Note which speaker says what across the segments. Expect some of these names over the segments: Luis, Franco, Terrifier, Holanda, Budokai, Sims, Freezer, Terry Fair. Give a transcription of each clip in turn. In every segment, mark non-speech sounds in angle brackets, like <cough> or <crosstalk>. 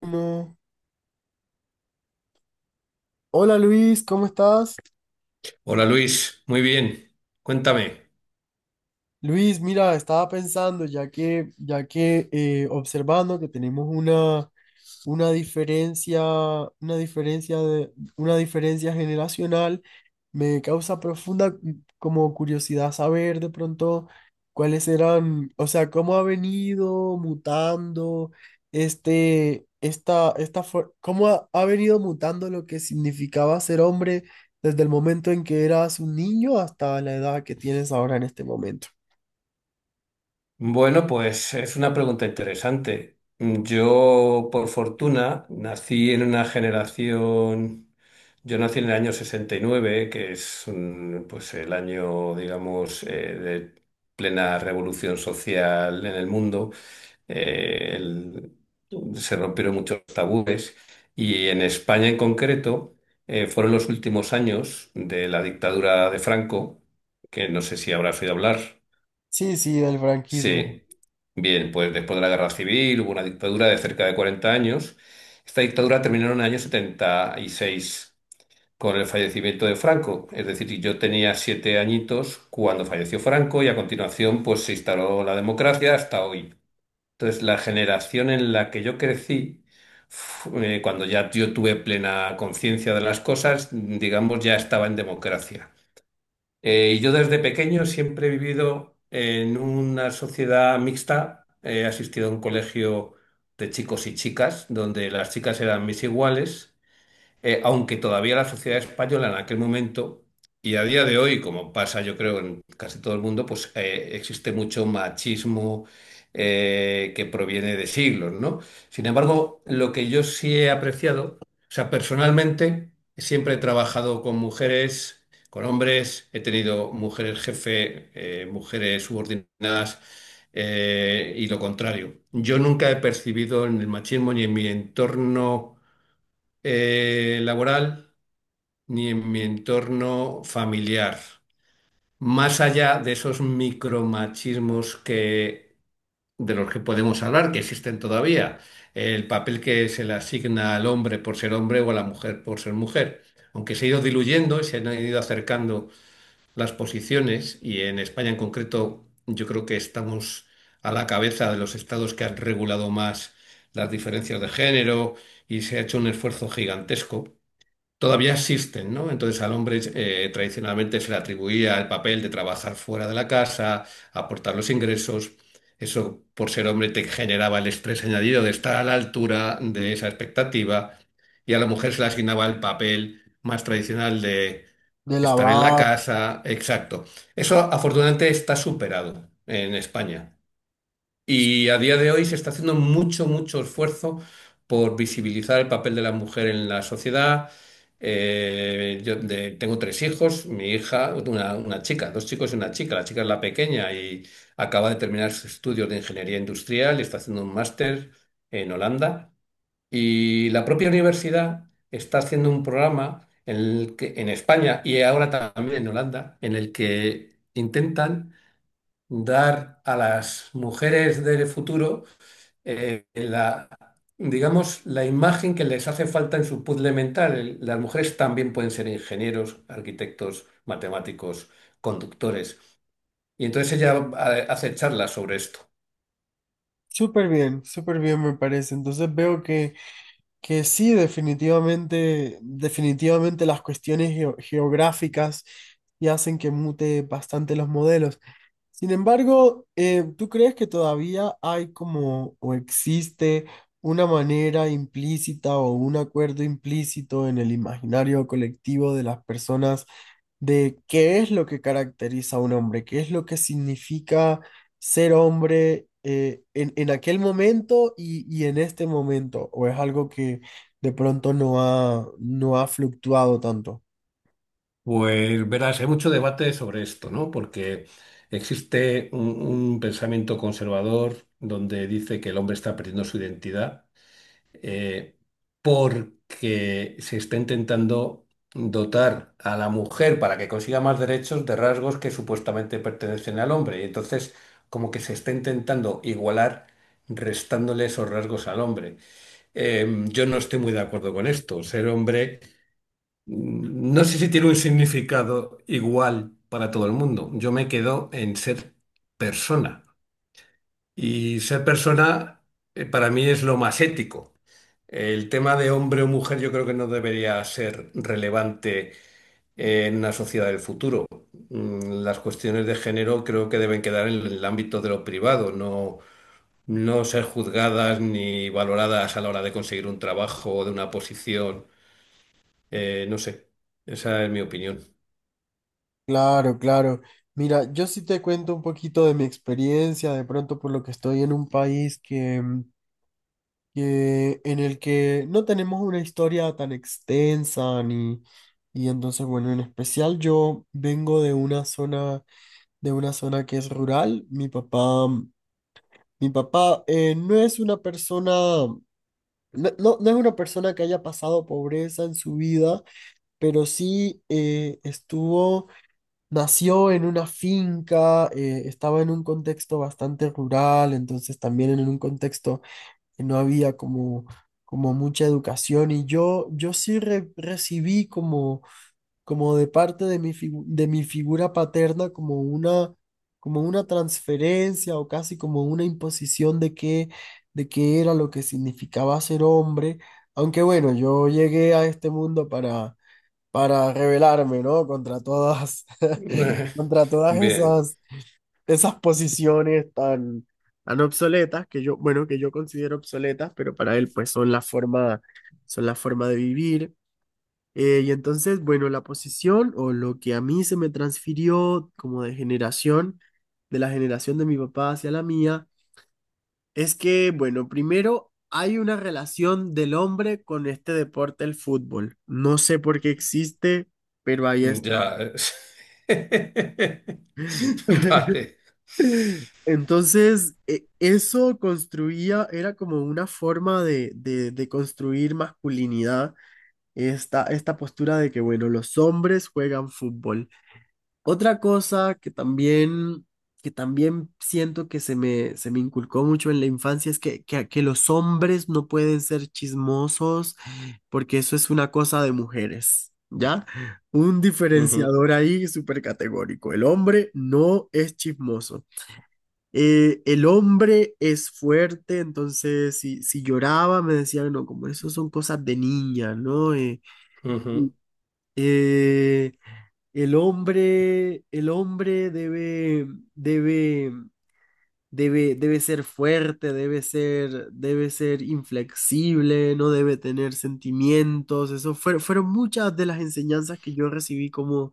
Speaker 1: Bueno, hola Luis, ¿cómo estás?
Speaker 2: Hola Luis, muy bien. Cuéntame.
Speaker 1: Luis, mira, estaba pensando, ya que observando que tenemos una diferencia, una diferencia generacional. Me causa profunda como curiosidad saber de pronto cuáles eran, o sea, cómo ha venido mutando cómo ha venido mutando lo que significaba ser hombre desde el momento en que eras un niño hasta la edad que tienes ahora en este momento.
Speaker 2: Bueno, pues es una pregunta interesante. Yo, por fortuna, nací en una generación, yo nací en el año 69, que es pues el año, digamos, de plena revolución social en el mundo. eh, el- se rompieron muchos tabúes, y en España en concreto, fueron los últimos años de la dictadura de Franco, que no sé si habrás oído hablar.
Speaker 1: Sí, sí, del franquismo,
Speaker 2: Sí, bien, pues después de la guerra civil hubo una dictadura de cerca de 40 años. Esta dictadura terminó en el año 76 con el fallecimiento de Franco. Es decir, yo tenía 7 añitos cuando falleció Franco, y a continuación pues se instaló la democracia hasta hoy. Entonces, la generación en la que yo crecí, cuando ya yo tuve plena conciencia de las cosas, digamos, ya estaba en democracia. Y yo desde pequeño siempre he vivido en una sociedad mixta. He asistido a un colegio de chicos y chicas, donde las chicas eran mis iguales, aunque todavía la sociedad española en aquel momento, y a día de hoy, como pasa yo creo en casi todo el mundo, pues existe mucho machismo que proviene de siglos, ¿no? Sin embargo, lo que yo sí he apreciado, o sea, personalmente siempre he trabajado con mujeres, con hombres, he tenido mujeres jefe, mujeres subordinadas. Y lo contrario. Yo nunca he percibido en el machismo ni en mi entorno laboral, ni en mi entorno familiar. Más allá de esos micromachismos de los que podemos hablar, que existen todavía, el papel que se le asigna al hombre por ser hombre o a la mujer por ser mujer. Aunque se ha ido diluyendo y se han ido acercando las posiciones, y en España en concreto, yo creo que estamos a la cabeza de los estados que han regulado más las diferencias de género y se ha hecho un esfuerzo gigantesco, todavía existen, ¿no? Entonces al hombre, tradicionalmente se le atribuía el papel de trabajar fuera de la casa, aportar los ingresos. Eso, por ser hombre, te generaba el estrés añadido de estar a la altura de esa expectativa. Y a la mujer se le asignaba el papel más tradicional de
Speaker 1: de la
Speaker 2: estar en la
Speaker 1: VAP.
Speaker 2: casa. Exacto. Eso afortunadamente está superado en España. Y a día de hoy se está haciendo mucho, mucho esfuerzo por visibilizar el papel de la mujer en la sociedad. Yo tengo tres hijos, mi hija, una chica, dos chicos y una chica. La chica es la pequeña y acaba de terminar sus estudios de ingeniería industrial, y está haciendo un máster en Holanda. Y la propia universidad está haciendo un programa en España y ahora también en Holanda, en el que intentan dar a las mujeres del futuro eh, la, digamos, la imagen que les hace falta en su puzzle mental. Las mujeres también pueden ser ingenieros, arquitectos, matemáticos, conductores. Y entonces ella hace charlas sobre esto.
Speaker 1: Súper bien me parece. Entonces veo que sí, definitivamente, definitivamente las cuestiones geográficas y hacen que mute bastante los modelos. Sin embargo, ¿tú crees que todavía hay como o existe una manera implícita o un acuerdo implícito en el imaginario colectivo de las personas de qué es lo que caracteriza a un hombre, qué es lo que significa ser hombre en aquel momento y en este momento, o es algo que de pronto no ha fluctuado tanto?
Speaker 2: Pues verás, hay mucho debate sobre esto, ¿no? Porque existe un pensamiento conservador donde dice que el hombre está perdiendo su identidad, eh, porque se está intentando dotar a la mujer para que consiga más derechos de rasgos que supuestamente pertenecen al hombre. Y entonces, como que se está intentando igualar restándole esos rasgos al hombre. Yo no estoy muy de acuerdo con esto. Ser hombre, no sé si tiene un significado igual para todo el mundo. Yo me quedo en ser persona. Y ser persona, para mí es lo más ético. El tema de hombre o mujer yo creo que no debería ser relevante en una sociedad del futuro. Las cuestiones de género creo que deben quedar en el ámbito de lo privado, no, no ser juzgadas ni valoradas a la hora de conseguir un trabajo o de una posición. No sé, esa es mi opinión.
Speaker 1: Claro, claro. Mira, yo sí te cuento un poquito de mi experiencia, de pronto por lo que estoy en un país en el que no tenemos una historia tan extensa ni. Y entonces, bueno, en especial yo vengo de una zona, de una zona que es rural. Mi papá no es una persona, no es una persona que haya pasado pobreza en su vida, pero sí estuvo, nació en una finca. Estaba en un contexto bastante rural, entonces también en un contexto que no había como, como mucha educación. Y yo sí recibí como, como de parte de de mi figura paterna, como una transferencia o casi como una imposición de qué era lo que significaba ser hombre. Aunque bueno, yo llegué a este mundo para rebelarme, ¿no? Contra todas, <laughs> contra
Speaker 2: <laughs>
Speaker 1: todas
Speaker 2: Bien,
Speaker 1: esas, esas posiciones tan, tan obsoletas que yo, bueno, que yo considero obsoletas, pero para él pues son la forma de vivir. Y entonces, bueno, la posición o lo que a mí se me transfirió como de generación, de la generación de mi papá hacia la mía, es que, bueno, primero hay una relación del hombre con este deporte, el fútbol. No sé por qué existe, pero ahí está.
Speaker 2: ya. <laughs>
Speaker 1: <laughs>
Speaker 2: Vale.
Speaker 1: Entonces, eso construía, era como una forma de construir masculinidad, esta postura de que, bueno, los hombres juegan fútbol. Otra cosa que también siento que se me inculcó mucho en la infancia es que los hombres no pueden ser chismosos porque eso es una cosa de mujeres, ¿ya? Un
Speaker 2: Ujú,
Speaker 1: diferenciador ahí súper categórico. El hombre no es chismoso. El hombre es fuerte, entonces si lloraba me decían, no, como eso son cosas de niña, ¿no?
Speaker 2: ujú.
Speaker 1: Eh, el hombre debe, debe ser fuerte, debe ser inflexible, no debe tener sentimientos. Fueron muchas de las enseñanzas que yo recibí como,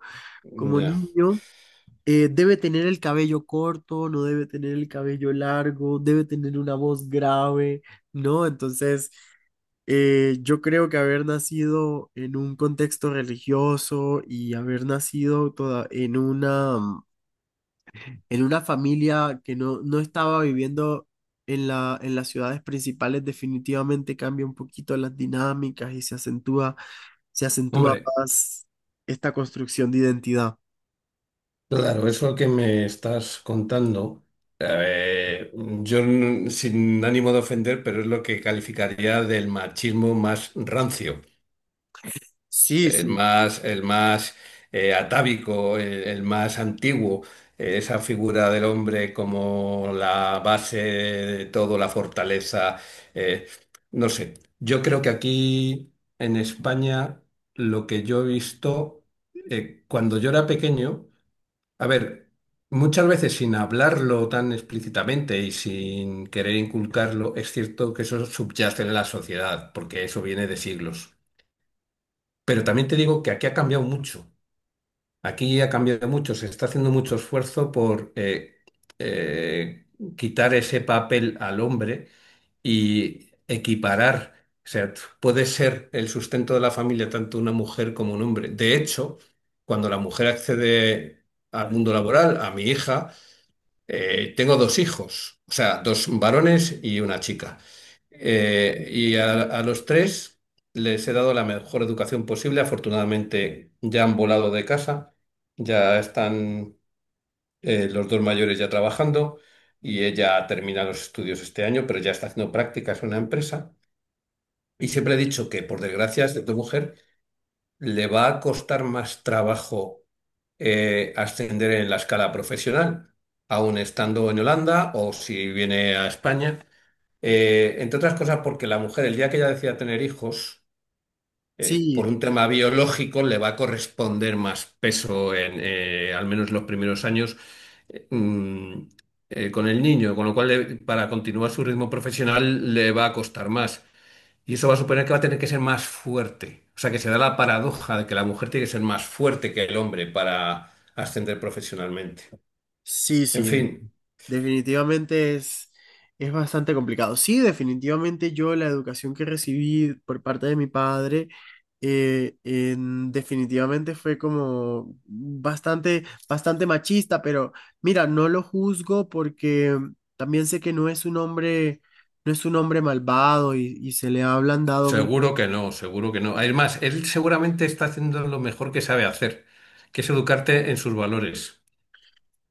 Speaker 1: como
Speaker 2: Ya.
Speaker 1: niño. Debe tener el cabello corto, no debe tener el cabello largo, debe tener una voz grave, ¿no? Entonces... Yo creo que haber nacido en un contexto religioso y haber nacido toda en una, en una familia que no estaba viviendo en las ciudades principales definitivamente cambia un poquito las dinámicas y se acentúa
Speaker 2: Hombre.
Speaker 1: más esta construcción de identidad.
Speaker 2: Claro, eso que me estás contando, eh, sin ánimo de ofender, pero es lo que calificaría del machismo más rancio,
Speaker 1: Sí,
Speaker 2: el
Speaker 1: sí,
Speaker 2: más, el más atávico, el más antiguo, esa figura del hombre como la base de todo, la fortaleza, eh, no sé. Yo creo que aquí en España, lo que yo he visto cuando yo era pequeño, a ver, muchas veces sin hablarlo tan explícitamente y sin querer inculcarlo, es cierto que eso subyace en la sociedad, porque eso viene de siglos. Pero también te digo que aquí ha cambiado mucho. Aquí ha cambiado mucho, se está haciendo mucho esfuerzo por eh, quitar ese papel al hombre y equiparar. O sea, puede ser el sustento de la familia tanto una mujer como un hombre. De hecho, cuando la mujer accede al mundo laboral, a mi hija, tengo dos hijos, o sea, dos varones y una chica. Y a los tres les he dado la mejor educación posible. Afortunadamente ya han volado de casa, ya están, los dos mayores ya trabajando, y ella termina los estudios este año, pero ya está haciendo prácticas en una empresa. Y siempre he dicho que, por desgracia, excepto mujer, le va a costar más trabajo ascender en la escala profesional, aun estando en Holanda o si viene a España. Entre otras cosas, porque la mujer, el día que ella decida tener hijos,
Speaker 1: sí,
Speaker 2: por un tema biológico, le va a corresponder más peso en, al menos los primeros años, eh, mm, con el niño, con lo cual, para continuar su ritmo profesional, le va a costar más. Y eso va a suponer que va a tener que ser más fuerte. O sea, que se da la paradoja de que la mujer tiene que ser más fuerte que el hombre para ascender profesionalmente.
Speaker 1: sí,
Speaker 2: En
Speaker 1: sí.
Speaker 2: fin,
Speaker 1: Definitivamente es bastante complicado. Sí, definitivamente yo la educación que recibí por parte de mi padre definitivamente fue como bastante, bastante machista, pero mira, no lo juzgo porque también sé que no es un hombre, no es un hombre malvado, y se le ha ablandado.
Speaker 2: seguro que no, seguro que no. Además, él seguramente está haciendo lo mejor que sabe hacer, que es educarte en sus valores.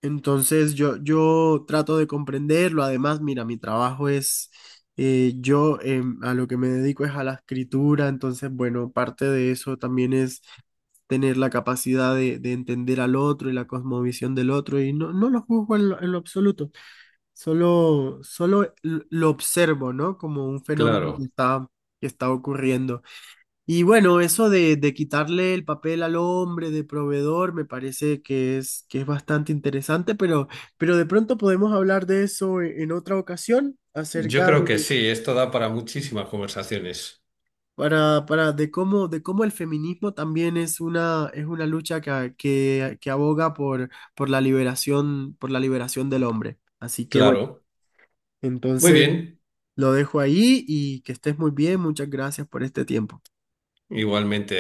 Speaker 1: Entonces yo trato de comprenderlo. Además, mira, mi trabajo es, yo a lo que me dedico es a la escritura. Entonces, bueno, parte de eso también es tener la capacidad de entender al otro y la cosmovisión del otro. Y no, no lo juzgo en lo absoluto. Solo, solo lo observo, ¿no? Como un fenómeno
Speaker 2: Claro,
Speaker 1: que está ocurriendo. Y bueno, eso de quitarle el papel al hombre de proveedor me parece que es bastante interesante, pero de pronto podemos hablar de eso en otra ocasión,
Speaker 2: yo
Speaker 1: acerca
Speaker 2: creo que
Speaker 1: de,
Speaker 2: sí, esto da para muchísimas conversaciones.
Speaker 1: para, de cómo el feminismo también es una lucha que aboga por la liberación del hombre. Así que bueno,
Speaker 2: Claro. Muy
Speaker 1: entonces
Speaker 2: bien,
Speaker 1: lo dejo ahí y que estés muy bien. Muchas gracias por este tiempo.
Speaker 2: igualmente.